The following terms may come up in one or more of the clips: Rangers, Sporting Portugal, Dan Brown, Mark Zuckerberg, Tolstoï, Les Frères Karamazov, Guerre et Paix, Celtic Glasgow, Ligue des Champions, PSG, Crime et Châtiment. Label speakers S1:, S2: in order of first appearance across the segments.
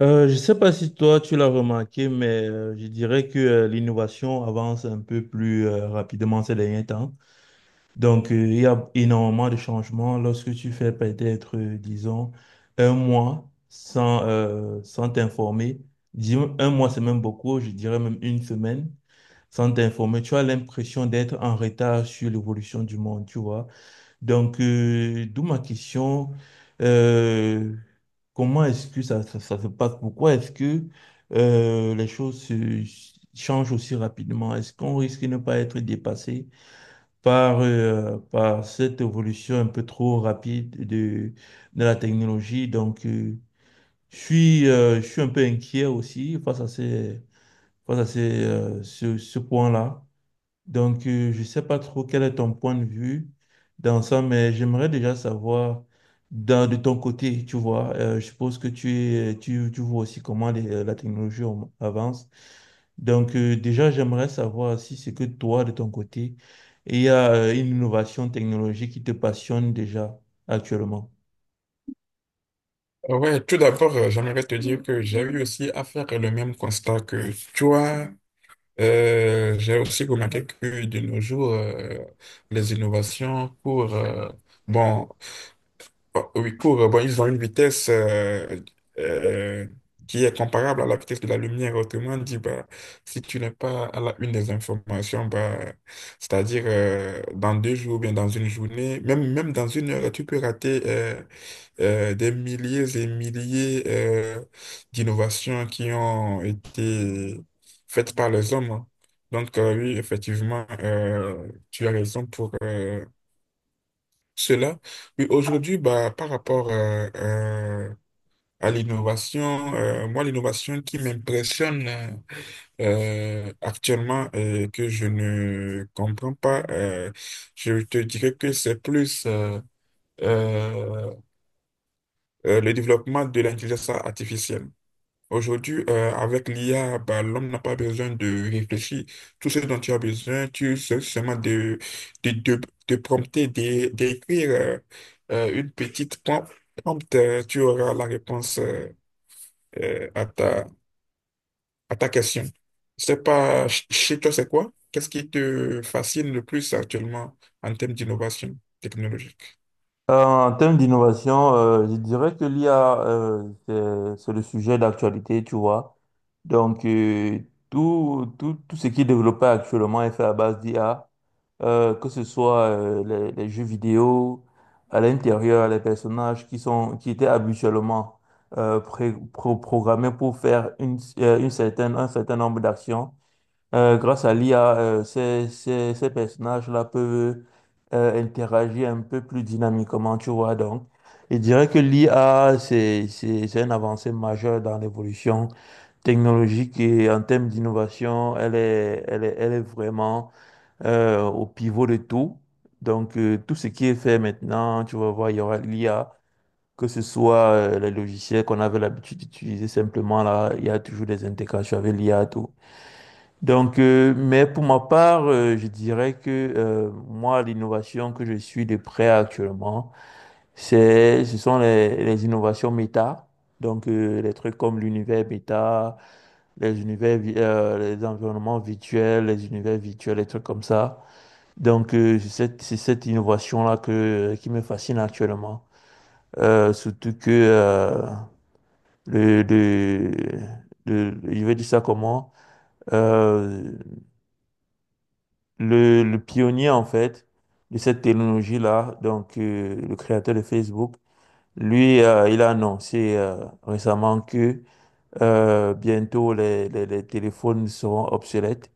S1: Je ne sais pas si toi tu l'as remarqué, mais je dirais que l'innovation avance un peu plus rapidement ces derniers temps. Donc, il y a énormément de changements lorsque tu fais peut-être, disons, un mois sans sans t'informer. Un mois, c'est même beaucoup, je dirais même une semaine sans t'informer. Tu as l'impression d'être en retard sur l'évolution du monde, tu vois. Donc, d'où ma question, euh, comment est-ce que ça se passe? Pourquoi est-ce que les choses changent aussi rapidement? Est-ce qu'on risque de ne pas être dépassé par, par cette évolution un peu trop rapide de la technologie? Donc, je suis un peu inquiet aussi face à ces, ce point-là. Donc, je ne sais pas trop quel est ton point de vue dans ça, mais j'aimerais déjà savoir de ton côté, tu vois, je suppose que tu, tu vois aussi comment la technologie avance. Donc, déjà, j'aimerais savoir si c'est que toi, de ton côté, il y a une innovation technologique qui te passionne déjà actuellement.
S2: Ouais, tout d'abord, j'aimerais te dire que j'ai eu aussi à faire le même constat que toi. J'ai aussi remarqué que de nos jours, les innovations courent, bon, oui, courent, bon, ils ont une vitesse euh, qui est comparable à la vitesse de la lumière. Autrement dit, bah, si tu n'es pas à la une des informations, bah, c'est-à-dire dans 2 jours, bien dans une journée, même, même dans une heure, tu peux rater des milliers et milliers d'innovations qui ont été faites par les hommes. Hein. Donc, oui, effectivement, tu as raison pour cela. Oui, aujourd'hui, bah, par rapport à l'innovation, moi, l'innovation qui m'impressionne actuellement et que je ne comprends pas, je te dirais que c'est plus... euh, le développement de l'intelligence artificielle. Aujourd'hui, avec l'IA, bah, l'homme n'a pas besoin de réfléchir. Tout ce dont tu as besoin, tu sais seulement de, de, de prompter, d'écrire une petite prompt, tu auras la réponse à à ta question. Je sais pas, chez toi, c'est quoi? Qu'est-ce qui te fascine le plus actuellement en termes d'innovation technologique?
S1: En termes d'innovation, je dirais que l'IA, c'est le sujet d'actualité, tu vois. Donc, tout ce qui est développé actuellement est fait à base d'IA, que ce soit les jeux vidéo, à l'intérieur, les personnages qui sont, qui étaient habituellement programmés pour faire une certaine, un certain nombre d'actions. Grâce à l'IA, euh, ces personnages-là peuvent interagir un peu plus dynamiquement, tu vois. Donc, je dirais que l'IA, c'est une avancée majeure dans l'évolution technologique et en termes d'innovation, elle est vraiment au pivot de tout. Donc, tout ce qui est fait maintenant, tu vas voir, il y aura l'IA, que ce soit les logiciels qu'on avait l'habitude d'utiliser simplement, là, il y a toujours des intégrations avec l'IA, tout. Donc, mais pour ma part, je dirais que moi, l'innovation que je suis de près actuellement, ce sont les innovations méta. Donc, les trucs comme l'univers méta, les univers, les environnements virtuels, les univers virtuels, les trucs comme ça. Donc, c'est cette innovation-là que, qui me fascine actuellement. Surtout que le, le, je vais dire ça comment? euh, le le pionnier en fait de cette technologie-là, donc le créateur de Facebook, lui, il a annoncé récemment que bientôt les téléphones seront obsolètes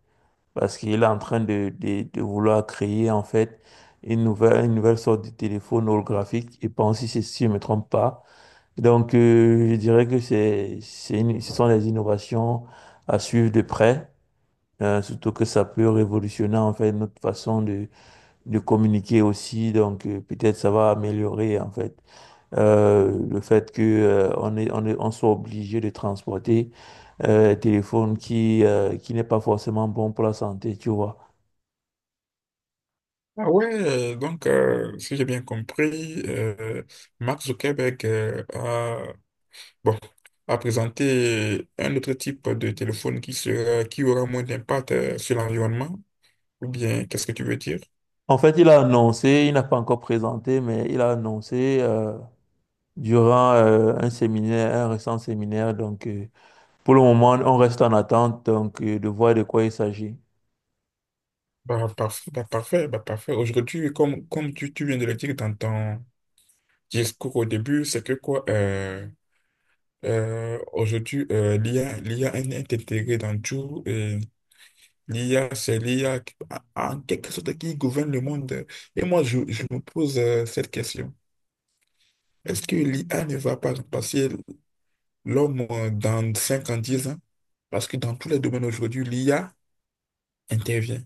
S1: parce qu'il est en train de vouloir créer en fait une nouvelle sorte de téléphone holographique. Et pense si, si je ne me trompe pas. Donc, je dirais que ce sont des innovations à suivre de près. Surtout que ça peut révolutionner en fait notre façon de communiquer aussi, donc peut-être ça va améliorer en fait le fait que on soit obligé de transporter un téléphone qui qui n'est pas forcément bon pour la santé, tu vois.
S2: Ah ouais, donc, si j'ai bien compris, Mark Zuckerberg Bon, à présenter un autre type de téléphone qui sera, qui aura moins d'impact sur l'environnement, ou bien qu'est-ce que tu veux dire?
S1: En fait, il a annoncé, il n'a pas encore présenté, mais il a annoncé durant un séminaire, un récent séminaire. Donc, pour le moment, on reste en attente donc de voir de quoi il s'agit.
S2: Bah, parfait, bah, parfait, bah, parfait. Aujourd'hui, comme, comme tu viens de le dire dans ton discours au début, c'est que quoi, aujourd'hui, l'IA est intégrée dans tout. L'IA, c'est l'IA en quelque sorte qui gouverne le monde. Et moi, je me pose cette question. Est-ce que l'IA ne va pas passer l'homme dans 5 ans, 10 ans? Parce que dans tous les domaines aujourd'hui, l'IA intervient.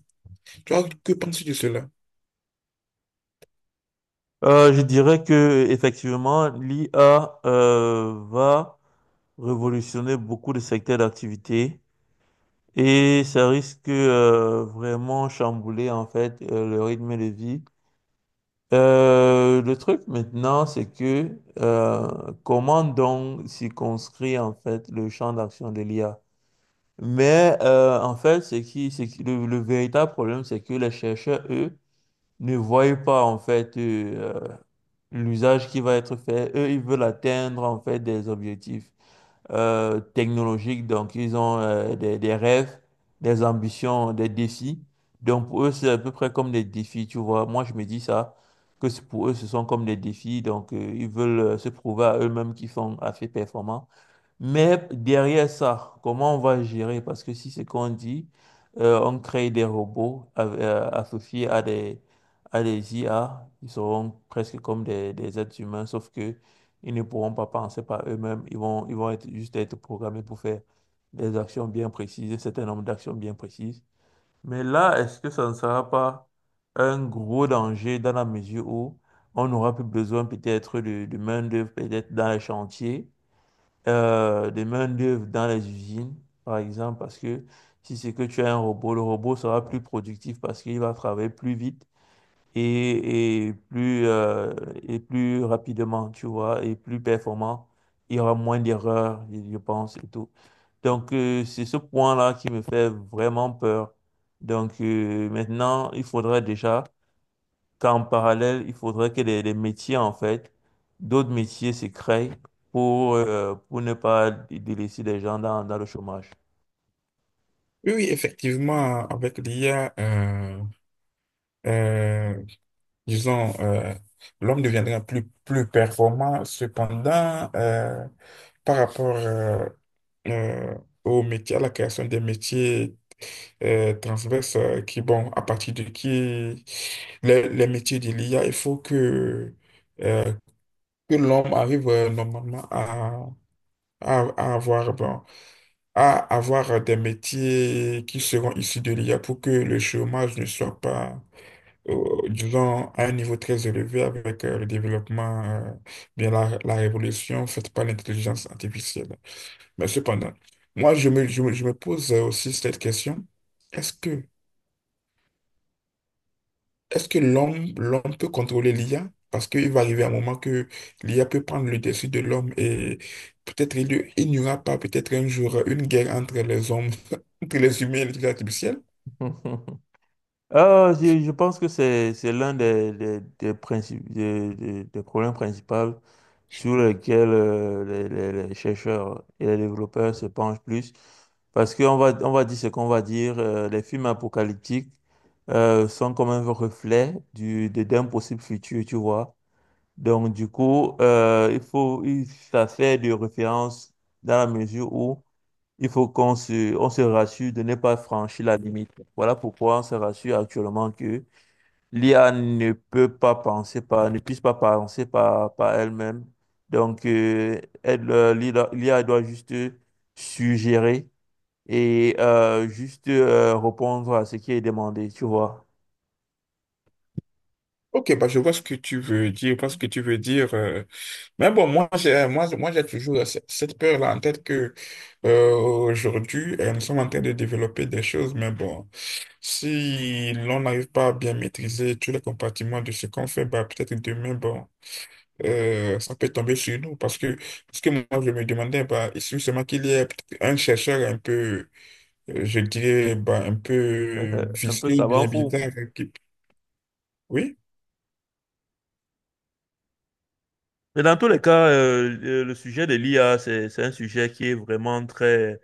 S2: Toi, que penses-tu de cela?
S1: Je dirais que effectivement, l'IA va révolutionner beaucoup de secteurs d'activité et ça risque vraiment chambouler en fait le rythme de vie. Le truc maintenant, c'est que comment donc circonscrire en fait le champ d'action de l'IA? Mais en fait, le véritable problème, c'est que les chercheurs, eux, ne voient pas en fait l'usage qui va être fait. Eux, ils veulent atteindre en fait des objectifs technologiques. Donc, ils ont des rêves, des ambitions, des défis. Donc, pour eux, c'est à peu près comme des défis, tu vois. Moi, je me dis ça, que pour eux, ce sont comme des défis. Donc, ils veulent se prouver à eux-mêmes qu'ils sont assez performants. Mais derrière ça, comment on va gérer? Parce que si c'est qu'on dit, on crée des robots associés à des IA, ils seront presque comme des êtres humains, sauf que ils ne pourront pas penser par eux-mêmes. Ils vont juste être programmés pour faire des actions bien précises, un certain nombre d'actions bien précises. Mais là, est-ce que ça ne sera pas un gros danger dans la mesure où on n'aura plus besoin peut-être de main-d'œuvre, peut-être dans les chantiers? De main-d'œuvre dans les usines, par exemple, parce que si c'est que tu as un robot, le robot sera plus productif parce qu'il va travailler plus vite et, et plus rapidement, tu vois, et plus performant. Il y aura moins d'erreurs, je pense, et tout. Donc, c'est ce point-là qui me fait vraiment peur. Donc, maintenant, il faudrait déjà qu'en parallèle, il faudrait que les métiers, en fait, d'autres métiers se créent pour ne pas délaisser des gens dans, dans le chômage.
S2: Oui, oui, effectivement, avec l'IA, euh, disons, l'homme deviendra plus, plus performant. Cependant, par rapport euh, au métier, à la création des métiers, transverse qui, bon, à partir de qui les métiers de l'IA, il faut euh, que l'homme arrive normalement à avoir, bon, à avoir des métiers qui seront issus de l'IA pour que le chômage ne soit pas, disons, à un niveau très élevé avec le développement, bien la révolution faite par l'intelligence artificielle. Mais cependant, moi, je me pose aussi cette question. Est-ce que Est-ce que l'homme peut contrôler l'IA? Parce qu'il va arriver un moment que l'IA peut prendre le dessus de l'homme et peut-être il n'y aura pas peut-être un jour une guerre entre les hommes, entre les humains et l'intelligence artificielle.
S1: Ah, je pense que c'est l'un des des problèmes principaux sur lesquels les chercheurs et les développeurs se penchent plus. Parce qu'on va, on va dire ce qu'on va dire, les films apocalyptiques sont comme un reflet d'un possible futur, tu vois. Donc, du coup, ça fait de référence dans la mesure où il faut qu'on on se rassure de ne pas franchir la limite. Voilà pourquoi on se rassure actuellement que l'IA ne peut pas penser par, ne puisse pas penser par, par elle-même. Donc, l'IA doit juste suggérer et juste répondre à ce qui est demandé, tu vois.
S2: Ok, bah je vois ce que tu veux dire, je vois ce que tu veux dire. Mais bon, moi j'ai toujours cette peur-là en tête que aujourd'hui, nous sommes en train de développer des choses, mais bon, si l'on n'arrive pas à bien maîtriser tous les compartiments de ce qu'on fait, bah peut-être demain, bon, ça peut tomber sur nous parce que ce que moi je me demandais, bah, il suffit seulement qu'il y ait un chercheur un peu, je dirais, bah, un peu
S1: Un peu
S2: vicieux,
S1: savant
S2: bien
S1: fou.
S2: bizarre. Oui?
S1: Mais dans tous les cas, le sujet de l'IA, c'est un sujet qui est vraiment très,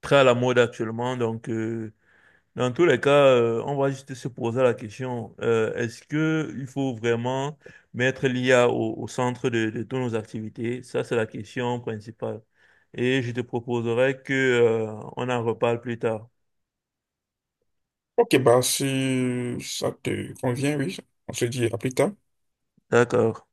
S1: très à la mode actuellement. Donc, dans tous les cas, on va juste se poser la question, est-ce que il faut vraiment mettre l'IA au, au centre de toutes nos activités? Ça, c'est la question principale. Et je te proposerai que, on en reparle plus tard.
S2: Ok, bah, si ça te convient, oui, on se dit à plus tard.
S1: D'accord.